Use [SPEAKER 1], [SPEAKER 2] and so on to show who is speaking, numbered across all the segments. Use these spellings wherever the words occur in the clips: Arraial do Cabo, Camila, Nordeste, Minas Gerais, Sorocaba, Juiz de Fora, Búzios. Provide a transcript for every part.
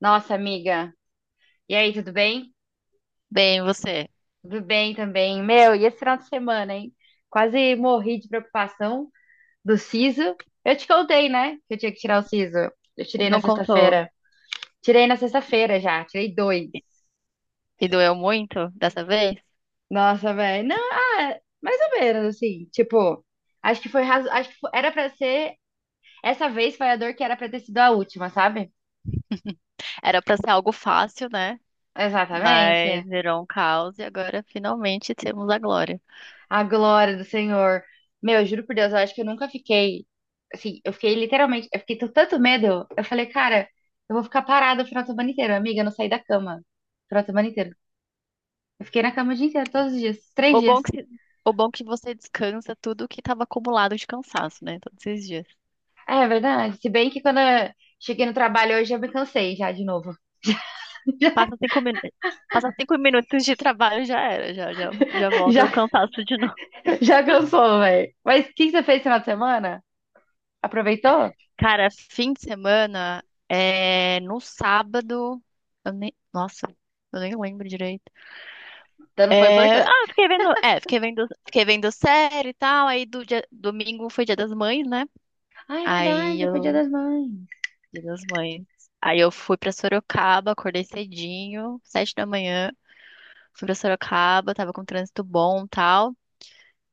[SPEAKER 1] Nossa, amiga. E aí, tudo bem?
[SPEAKER 2] Bem, você?
[SPEAKER 1] Tudo bem também. Meu, e esse final de semana, hein? Quase morri de preocupação do siso. Eu te contei, né? Que eu tinha que tirar o siso. Eu tirei na
[SPEAKER 2] Não contou.
[SPEAKER 1] sexta-feira. Tirei na sexta-feira já, tirei dois.
[SPEAKER 2] E e doeu muito dessa vez?
[SPEAKER 1] Nossa, velho. Não, ah, mais ou menos, assim. Tipo, acho que foi razo... acho que fo- era pra ser. Essa vez foi a dor que era pra ter sido a última, sabe?
[SPEAKER 2] Era pra ser algo fácil, né? Mas
[SPEAKER 1] Exatamente.
[SPEAKER 2] virou um caos e agora finalmente temos a glória.
[SPEAKER 1] A glória do Senhor. Meu, eu juro por Deus, eu acho que eu nunca fiquei. Assim, eu fiquei literalmente. Eu fiquei com tanto medo. Eu falei, cara, eu vou ficar parada o final de semana inteiro. Amiga, eu não saí da cama. O final de semana inteiro. Eu fiquei na cama o dia inteiro, todos os dias. Três
[SPEAKER 2] O
[SPEAKER 1] dias.
[SPEAKER 2] bom que, o bom que você descansa tudo que estava acumulado de cansaço, né? Todos esses dias.
[SPEAKER 1] É, é verdade. Se bem que quando eu cheguei no trabalho hoje, eu me cansei já de novo.
[SPEAKER 2] Passa 5 minutos. Passa cinco minutos de trabalho já era, já, já volta o
[SPEAKER 1] Já,
[SPEAKER 2] cansaço de novo.
[SPEAKER 1] já cansou, velho. Mas o que você fez no final de semana? Aproveitou?
[SPEAKER 2] Cara, fim de semana, no sábado, eu nem, nossa, eu nem lembro direito.
[SPEAKER 1] Então não foi
[SPEAKER 2] É,
[SPEAKER 1] importante.
[SPEAKER 2] ah, fiquei vendo, é, fiquei vendo série e tal. Aí domingo foi Dia das Mães, né?
[SPEAKER 1] Ah, é
[SPEAKER 2] Aí
[SPEAKER 1] verdade, foi Dia
[SPEAKER 2] eu,
[SPEAKER 1] das Mães.
[SPEAKER 2] Dia das Mães. Aí eu fui pra Sorocaba, acordei cedinho, 7 da manhã, fui pra Sorocaba, tava com trânsito bom, e tal.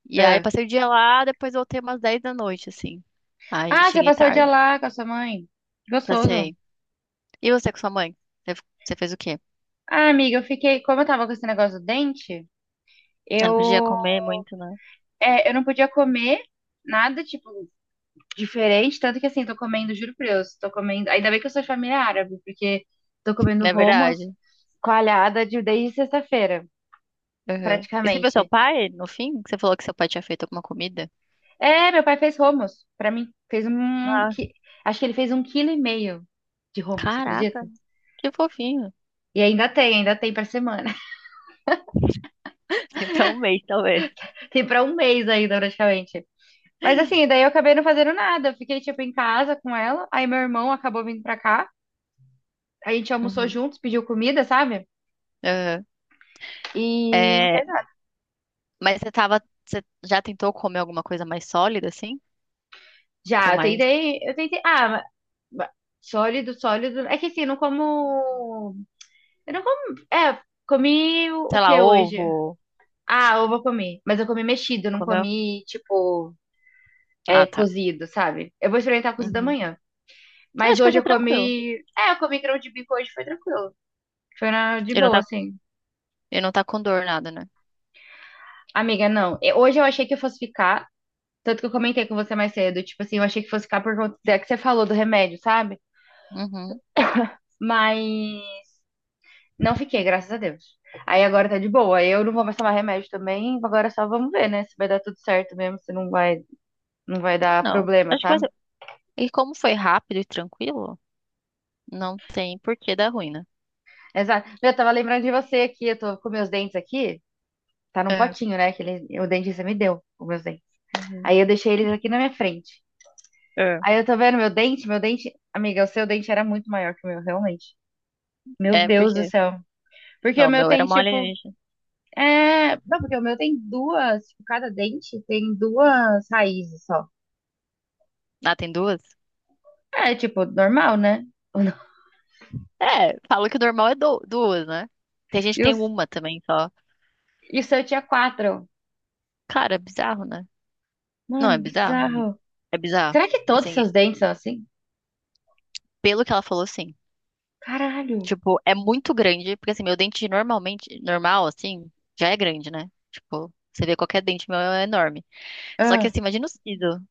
[SPEAKER 2] E aí
[SPEAKER 1] É.
[SPEAKER 2] passei o dia lá, depois voltei umas 10 da noite, assim. Aí
[SPEAKER 1] Ah, você
[SPEAKER 2] cheguei
[SPEAKER 1] passou o dia
[SPEAKER 2] tarde,
[SPEAKER 1] lá com a sua mãe. Gostoso.
[SPEAKER 2] passei. E você com sua mãe? Você, você fez o quê?
[SPEAKER 1] Ah, amiga, eu fiquei. Como eu tava com esse negócio do dente,
[SPEAKER 2] Eu não podia
[SPEAKER 1] eu.
[SPEAKER 2] comer muito, né?
[SPEAKER 1] É, eu não podia comer nada, tipo, diferente. Tanto que, assim, tô comendo, juro por Deus, tô comendo. Ainda bem que eu sou de família árabe, porque tô comendo
[SPEAKER 2] Não é
[SPEAKER 1] hummus
[SPEAKER 2] verdade?
[SPEAKER 1] coalhada de, desde sexta-feira,
[SPEAKER 2] Uhum. E você viu seu
[SPEAKER 1] praticamente.
[SPEAKER 2] pai no fim? Você falou que seu pai tinha feito alguma comida?
[SPEAKER 1] É, meu pai fez hummus pra mim. Acho que ele fez 1,5 quilo de hummus, você
[SPEAKER 2] Caraca,
[SPEAKER 1] acredita?
[SPEAKER 2] que fofinho.
[SPEAKER 1] E ainda tem pra semana.
[SPEAKER 2] Tem pra um mês, talvez.
[SPEAKER 1] Tem pra um mês ainda, praticamente. Mas assim, daí eu acabei não fazendo nada. Eu fiquei, tipo, em casa com ela. Aí meu irmão acabou vindo pra cá. A gente almoçou
[SPEAKER 2] Uhum.
[SPEAKER 1] juntos, pediu comida, sabe?
[SPEAKER 2] Aham.
[SPEAKER 1] E não
[SPEAKER 2] É,
[SPEAKER 1] fez nada.
[SPEAKER 2] mas você já tentou comer alguma coisa mais sólida, assim? Com
[SPEAKER 1] Já, eu
[SPEAKER 2] mais,
[SPEAKER 1] tentei, eu tentei. Ma- Sólido, sólido. É que assim, eu não como. Eu não como. É, comi o
[SPEAKER 2] sei lá,
[SPEAKER 1] que hoje?
[SPEAKER 2] ovo?
[SPEAKER 1] Ah, ovo eu comi. Mas eu comi mexido, eu não
[SPEAKER 2] Comeu?
[SPEAKER 1] comi, tipo,
[SPEAKER 2] Ah,
[SPEAKER 1] é,
[SPEAKER 2] tá.
[SPEAKER 1] cozido, sabe? Eu vou experimentar cozido
[SPEAKER 2] Uhum.
[SPEAKER 1] amanhã.
[SPEAKER 2] Eu
[SPEAKER 1] Mas
[SPEAKER 2] acho que vai
[SPEAKER 1] hoje
[SPEAKER 2] ser
[SPEAKER 1] eu
[SPEAKER 2] tranquilo.
[SPEAKER 1] comi. É, eu comi grão de bico hoje, foi tranquilo. Foi de
[SPEAKER 2] E não
[SPEAKER 1] boa,
[SPEAKER 2] tá,
[SPEAKER 1] assim.
[SPEAKER 2] e não tá com dor, nada, né?
[SPEAKER 1] Amiga, não. Hoje eu achei que eu fosse ficar, tanto que eu comentei com você mais cedo, tipo assim, eu achei que fosse ficar por conta da que você falou do remédio, sabe?
[SPEAKER 2] Uhum.
[SPEAKER 1] Mas não fiquei, graças a Deus. Aí agora tá de boa. Eu não vou mais tomar remédio também, agora só vamos ver, né? Se vai dar tudo certo mesmo, se não vai dar
[SPEAKER 2] Não,
[SPEAKER 1] problema,
[SPEAKER 2] acho que vai
[SPEAKER 1] sabe?
[SPEAKER 2] ser. E como foi rápido e tranquilo, não tem por que dar ruim, né?
[SPEAKER 1] Exato. Eu tava lembrando de você aqui, eu tô com meus dentes aqui, tá num
[SPEAKER 2] É.
[SPEAKER 1] potinho, né? Aquele, o dentista me deu, os meus dentes.
[SPEAKER 2] Uhum.
[SPEAKER 1] Aí eu deixei eles aqui na minha frente.
[SPEAKER 2] É.
[SPEAKER 1] Aí eu tô vendo meu dente, amiga, o seu dente era muito maior que o meu, realmente. Meu
[SPEAKER 2] É,
[SPEAKER 1] Deus do
[SPEAKER 2] porque.
[SPEAKER 1] céu. Porque o
[SPEAKER 2] Não, o
[SPEAKER 1] meu
[SPEAKER 2] meu
[SPEAKER 1] tem,
[SPEAKER 2] era mole
[SPEAKER 1] tipo.
[SPEAKER 2] alienígena.
[SPEAKER 1] É. Não, porque o meu tem duas. Tipo, cada dente tem duas raízes só.
[SPEAKER 2] Ah, tem duas?
[SPEAKER 1] É, tipo, normal, né? Ou não?
[SPEAKER 2] É, falam que o normal é duas, né? Tem gente que
[SPEAKER 1] E,
[SPEAKER 2] tem
[SPEAKER 1] os...
[SPEAKER 2] uma também só.
[SPEAKER 1] e o seu tinha quatro.
[SPEAKER 2] Cara, é bizarro, né? Não, é
[SPEAKER 1] Mano,
[SPEAKER 2] bizarro, amigo.
[SPEAKER 1] bizarro.
[SPEAKER 2] É bizarro.
[SPEAKER 1] Será que todos os
[SPEAKER 2] Assim,
[SPEAKER 1] seus dentes são assim?
[SPEAKER 2] pelo que ela falou, sim.
[SPEAKER 1] Caralho.
[SPEAKER 2] Tipo, é muito grande, porque assim, meu dente normalmente, normal, assim, já é grande, né? Tipo, você vê qualquer dente meu é enorme. Só que
[SPEAKER 1] Ah,
[SPEAKER 2] assim, imagina o siso.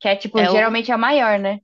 [SPEAKER 1] que é, tipo,
[SPEAKER 2] É o.
[SPEAKER 1] geralmente é a maior, né?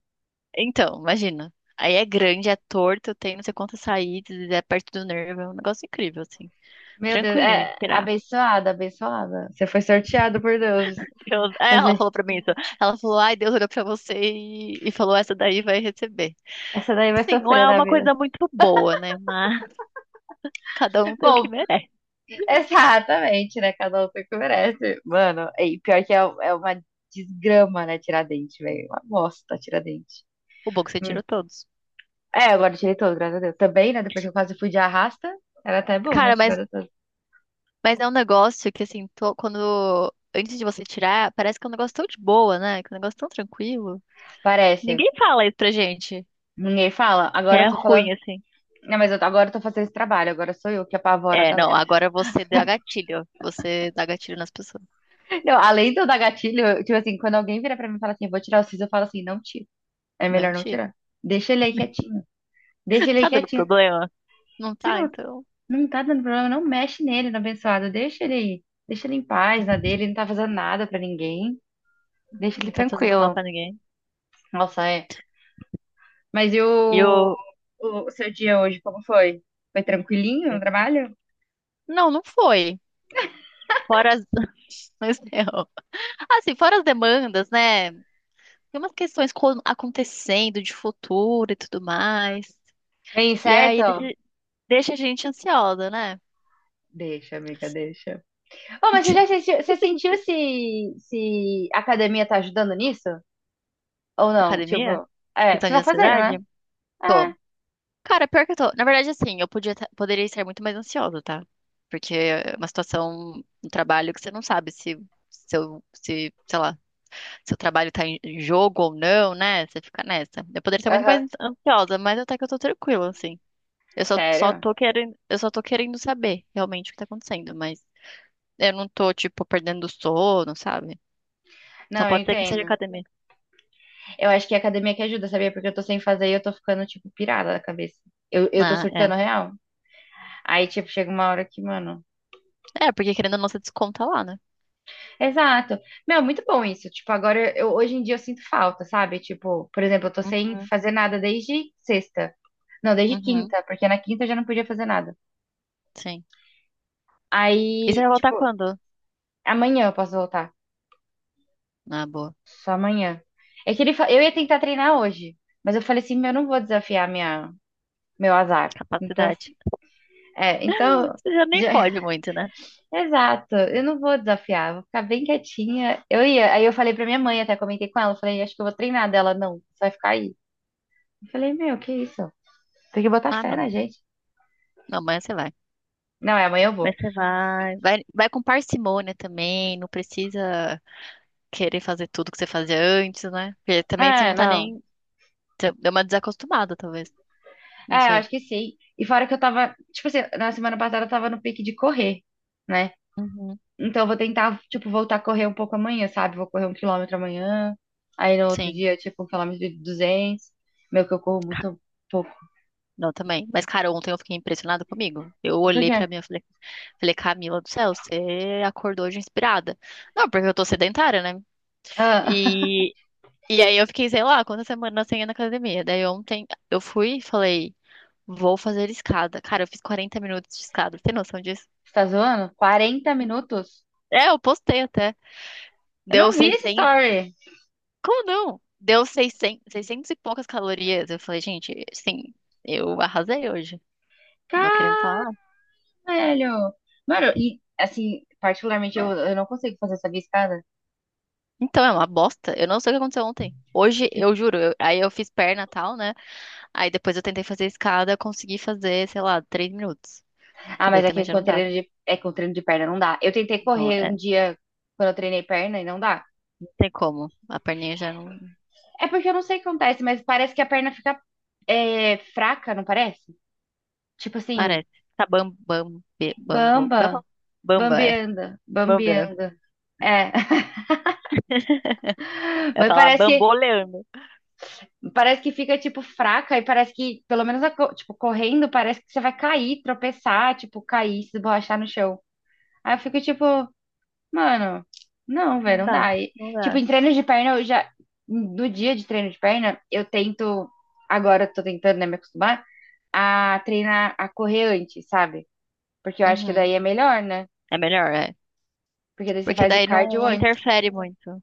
[SPEAKER 2] Então, imagina. Aí é grande, é torto, tem não sei quantas saídas, é perto do nervo, é um negócio incrível, assim.
[SPEAKER 1] Meu Deus.
[SPEAKER 2] Tranquilinho de
[SPEAKER 1] É
[SPEAKER 2] tirar.
[SPEAKER 1] abençoada, abençoada. Você foi sorteado por Deus.
[SPEAKER 2] Ela
[SPEAKER 1] Você-
[SPEAKER 2] falou pra mim isso. Ela falou, ai, Deus olhou pra você e falou, essa daí vai receber.
[SPEAKER 1] Essa daí vai
[SPEAKER 2] Sim, não
[SPEAKER 1] sofrer
[SPEAKER 2] é
[SPEAKER 1] na
[SPEAKER 2] uma
[SPEAKER 1] vida.
[SPEAKER 2] coisa muito boa, né? Mas cada um tem o que
[SPEAKER 1] Bom,
[SPEAKER 2] merece.
[SPEAKER 1] exatamente, né? Cada um tem o que merece. Mano, e pior que é uma desgrama, né? Tiradentes, velho. Uma bosta, Tiradentes.
[SPEAKER 2] O bom é que você
[SPEAKER 1] Hum.
[SPEAKER 2] tirou todos.
[SPEAKER 1] É, agora eu tirei todos, graças a Deus. Também, né? Depois que eu quase fui de arrasta, era até bom, né?
[SPEAKER 2] Cara, mas,
[SPEAKER 1] Tirado todos.
[SPEAKER 2] mas é um negócio que, assim, quando... Antes de você tirar, parece que é um negócio tão de boa, né? Que é um negócio tão tranquilo.
[SPEAKER 1] Parece.
[SPEAKER 2] Ninguém fala isso pra gente,
[SPEAKER 1] Ninguém fala.
[SPEAKER 2] que
[SPEAKER 1] Agora eu
[SPEAKER 2] é
[SPEAKER 1] tô falando.
[SPEAKER 2] ruim, assim.
[SPEAKER 1] Não, mas agora eu tô fazendo esse trabalho. Agora sou eu que apavoro a
[SPEAKER 2] É, não,
[SPEAKER 1] galera.
[SPEAKER 2] agora você dá gatilho. Você dá gatilho nas pessoas.
[SPEAKER 1] Não, além do da gatilho, eu, tipo assim, quando alguém vira pra mim e fala assim, vou tirar o siso, eu falo assim, não tira. É
[SPEAKER 2] Não
[SPEAKER 1] melhor não
[SPEAKER 2] tira.
[SPEAKER 1] tirar. Deixa ele aí quietinho. Deixa ele aí
[SPEAKER 2] Tá dando
[SPEAKER 1] quietinho.
[SPEAKER 2] problema? Não
[SPEAKER 1] Se
[SPEAKER 2] tá,
[SPEAKER 1] não,
[SPEAKER 2] então.
[SPEAKER 1] não tá dando problema, não mexe nele no abençoado. Deixa ele aí. Deixa ele em paz na dele, ele não tá fazendo nada pra ninguém. Deixa ele
[SPEAKER 2] Não tá fazendo mal
[SPEAKER 1] tranquilo.
[SPEAKER 2] pra ninguém.
[SPEAKER 1] Nossa, é. Mas e
[SPEAKER 2] E eu,
[SPEAKER 1] o seu dia hoje, como foi? Foi tranquilinho no trabalho?
[SPEAKER 2] não não foi. Fora as... mas não. Assim, fora as demandas, né? Tem umas questões acontecendo de futuro e tudo mais.
[SPEAKER 1] Bem
[SPEAKER 2] E aí
[SPEAKER 1] certo?
[SPEAKER 2] deixa, deixa a gente ansiosa, né?
[SPEAKER 1] Deixa, amiga, deixa. Oh, mas você sentiu se a academia tá ajudando nisso? Ou não?
[SPEAKER 2] Academia?
[SPEAKER 1] Tipo, é, porque
[SPEAKER 2] Questão
[SPEAKER 1] você
[SPEAKER 2] de
[SPEAKER 1] tá fazendo, né?
[SPEAKER 2] ansiedade?
[SPEAKER 1] É,
[SPEAKER 2] Tô. Cara, pior que eu tô. Na verdade, assim, poderia estar muito mais ansiosa, tá? Porque é uma situação no trabalho que você não sabe se seu, se, sei lá, seu trabalho tá em jogo ou não, né? Você fica nessa. Eu poderia estar muito
[SPEAKER 1] aham.
[SPEAKER 2] mais ansiosa, mas até que eu tô tranquila, assim. Eu só, só
[SPEAKER 1] Sério?
[SPEAKER 2] tô querendo, eu só tô querendo saber realmente o que tá acontecendo, mas eu não tô, tipo, perdendo o sono, sabe? Então
[SPEAKER 1] Não, eu
[SPEAKER 2] pode ser que seja
[SPEAKER 1] entendo.
[SPEAKER 2] academia.
[SPEAKER 1] Eu acho que é a academia que ajuda, sabia? Porque eu tô sem fazer e eu tô ficando, tipo, pirada da cabeça. Eu tô
[SPEAKER 2] Ah, é.
[SPEAKER 1] surtando real. Aí, tipo, chega uma hora que, mano.
[SPEAKER 2] É, porque querendo a nossa desconta lá, né?
[SPEAKER 1] Exato. Meu, muito bom isso. Tipo, agora, hoje em dia eu sinto falta, sabe? Tipo, por exemplo, eu tô sem
[SPEAKER 2] Uhum,
[SPEAKER 1] fazer nada desde sexta. Não, desde
[SPEAKER 2] uhum,
[SPEAKER 1] quinta, porque na quinta eu já não podia fazer nada.
[SPEAKER 2] sim. E você
[SPEAKER 1] Aí,
[SPEAKER 2] vai voltar
[SPEAKER 1] tipo,
[SPEAKER 2] quando?
[SPEAKER 1] amanhã eu posso voltar.
[SPEAKER 2] Ah, boa.
[SPEAKER 1] Só amanhã. É que eu ia tentar treinar hoje, mas eu falei assim, meu, eu não vou desafiar meu azar. Então,
[SPEAKER 2] Capacidade.
[SPEAKER 1] assim, é, então.
[SPEAKER 2] Você já nem
[SPEAKER 1] Já,
[SPEAKER 2] pode muito, né?
[SPEAKER 1] exato, eu não vou desafiar, vou ficar bem quietinha. Eu ia, aí eu falei pra minha mãe, até comentei com ela, eu falei, acho que eu vou treinar dela, não, você vai ficar aí. Eu falei, meu, que isso? Tem que botar
[SPEAKER 2] Ah,
[SPEAKER 1] fé na
[SPEAKER 2] não.
[SPEAKER 1] gente.
[SPEAKER 2] Não, mas você vai.
[SPEAKER 1] Não, é amanhã eu
[SPEAKER 2] Mas
[SPEAKER 1] vou.
[SPEAKER 2] você vai. Vai, vai com parcimônia também, não precisa querer fazer tudo que você fazia antes, né? Porque também você
[SPEAKER 1] Ah,
[SPEAKER 2] não tá
[SPEAKER 1] não.
[SPEAKER 2] nem. Você deu uma desacostumada, talvez.
[SPEAKER 1] É,
[SPEAKER 2] Não
[SPEAKER 1] eu
[SPEAKER 2] sei.
[SPEAKER 1] acho que sim. E fora que eu tava, tipo assim, na semana passada eu tava no pique de correr, né?
[SPEAKER 2] Uhum.
[SPEAKER 1] Então eu vou tentar, tipo, voltar a correr um pouco amanhã, sabe? Vou correr 1 quilômetro amanhã, aí no outro
[SPEAKER 2] Sim.
[SPEAKER 1] dia, tipo, 1 quilômetro de 200. Meu, que eu corro
[SPEAKER 2] Ca-
[SPEAKER 1] muito pouco.
[SPEAKER 2] Não, também. Mas, cara, ontem eu fiquei impressionada comigo. Eu
[SPEAKER 1] Por
[SPEAKER 2] olhei
[SPEAKER 1] quê?
[SPEAKER 2] pra mim e falei, Camila do céu, você acordou hoje inspirada. Não, porque eu tô sedentária, né?
[SPEAKER 1] Ah,
[SPEAKER 2] E, e aí eu fiquei, sei lá, quantas semanas sem ir na academia. Daí ontem eu fui e falei, vou fazer escada. Cara, eu fiz 40 minutos de escada. Tem noção disso?
[SPEAKER 1] você tá zoando? 40 minutos?
[SPEAKER 2] É, eu postei até.
[SPEAKER 1] Eu
[SPEAKER 2] Deu
[SPEAKER 1] não vi esse
[SPEAKER 2] 600.
[SPEAKER 1] story.
[SPEAKER 2] Como não? Deu 600, 600 e poucas calorias. Eu falei, gente, sim, eu arrasei hoje. Não querendo falar.
[SPEAKER 1] Caralho. Mano, e assim, particularmente eu não consigo fazer essa escada.
[SPEAKER 2] Então, é uma bosta. Eu não sei o que aconteceu ontem. Hoje,
[SPEAKER 1] Tipo,
[SPEAKER 2] eu juro, aí eu fiz perna e tal, né? Aí depois eu tentei fazer escada, consegui fazer, sei lá, 3 minutos.
[SPEAKER 1] ah,
[SPEAKER 2] Porque daí
[SPEAKER 1] mas
[SPEAKER 2] também
[SPEAKER 1] aqui
[SPEAKER 2] já não dava.
[SPEAKER 1] com treino de perna não dá. Eu tentei
[SPEAKER 2] Então,
[SPEAKER 1] correr
[SPEAKER 2] é,
[SPEAKER 1] um
[SPEAKER 2] não
[SPEAKER 1] dia quando eu treinei perna e não dá.
[SPEAKER 2] tem como. A perninha já não
[SPEAKER 1] É porque eu não sei o que acontece, mas parece que a perna fica fraca, não parece? Tipo assim,
[SPEAKER 2] parece. Tá bam, bam, be- bambu. Como é que
[SPEAKER 1] bamba,
[SPEAKER 2] fala? Bamba, é.
[SPEAKER 1] bambeando,
[SPEAKER 2] Bambeando.
[SPEAKER 1] bambeando. É,
[SPEAKER 2] É
[SPEAKER 1] mas
[SPEAKER 2] falar
[SPEAKER 1] parece que
[SPEAKER 2] bamboleando.
[SPEAKER 1] parece que fica, tipo, fraca e parece que, pelo menos, tipo, correndo, parece que você vai cair, tropeçar, tipo, cair, se esborrachar no chão. Aí eu fico, tipo, mano, não,
[SPEAKER 2] Não
[SPEAKER 1] velho, não
[SPEAKER 2] dá,
[SPEAKER 1] dá. E,
[SPEAKER 2] não
[SPEAKER 1] tipo,
[SPEAKER 2] dá.
[SPEAKER 1] em treino de perna, eu já, no dia de treino de perna, agora eu tô tentando, né, me acostumar a treinar, a correr antes, sabe? Porque eu acho que
[SPEAKER 2] Uhum.
[SPEAKER 1] daí é melhor, né?
[SPEAKER 2] É melhor, é.
[SPEAKER 1] Porque daí você
[SPEAKER 2] Porque
[SPEAKER 1] faz o
[SPEAKER 2] daí
[SPEAKER 1] cardio
[SPEAKER 2] não
[SPEAKER 1] antes.
[SPEAKER 2] interfere muito.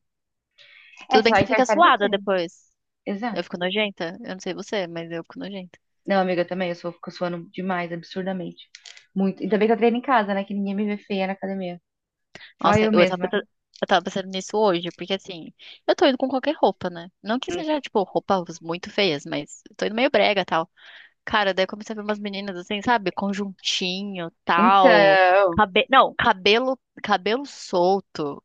[SPEAKER 1] É
[SPEAKER 2] Tudo bem
[SPEAKER 1] só
[SPEAKER 2] que você fica
[SPEAKER 1] interfere no
[SPEAKER 2] suada
[SPEAKER 1] treino.
[SPEAKER 2] depois.
[SPEAKER 1] Exato.
[SPEAKER 2] Eu fico nojenta. Eu não sei você, mas eu fico nojenta.
[SPEAKER 1] Não, amiga, eu também. Fico suando demais, absurdamente. Muito. Ainda bem que eu treino em casa, né? Que ninguém me vê feia na academia. Só
[SPEAKER 2] Nossa,
[SPEAKER 1] eu
[SPEAKER 2] eu tava
[SPEAKER 1] mesma.
[SPEAKER 2] pensando, eu tava pensando nisso hoje, porque assim, eu tô indo com qualquer roupa, né? Não que
[SPEAKER 1] Hum.
[SPEAKER 2] seja, tipo, roupas muito feias, mas eu tô indo meio brega e tal. Cara, daí eu comecei a ver umas meninas assim, sabe? Conjuntinho, tal.
[SPEAKER 1] Então.
[SPEAKER 2] Cabe... Não, cabelo solto.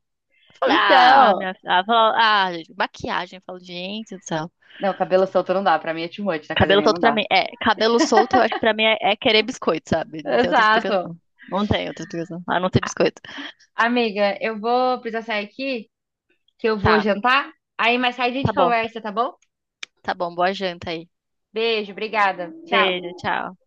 [SPEAKER 2] Ah,
[SPEAKER 1] Então.
[SPEAKER 2] gente, maquiagem. Eu falo, gente do céu.
[SPEAKER 1] Não, cabelo solto não dá. Pra mim é too much na
[SPEAKER 2] Cabelo
[SPEAKER 1] academia, não
[SPEAKER 2] solto pra
[SPEAKER 1] dá.
[SPEAKER 2] mim. É, cabelo solto eu acho que pra mim é, querer biscoito, sabe? Não tem outra
[SPEAKER 1] Exato.
[SPEAKER 2] explicação. Não tem outra explicação. A não ser biscoito.
[SPEAKER 1] Amiga, eu vou precisar sair aqui, que eu vou
[SPEAKER 2] Tá,
[SPEAKER 1] jantar. Aí mais tarde a
[SPEAKER 2] tá
[SPEAKER 1] gente
[SPEAKER 2] bom.
[SPEAKER 1] conversa, tá bom?
[SPEAKER 2] Tá bom, boa janta aí.
[SPEAKER 1] Beijo, obrigada. Tchau.
[SPEAKER 2] Beijo, tchau.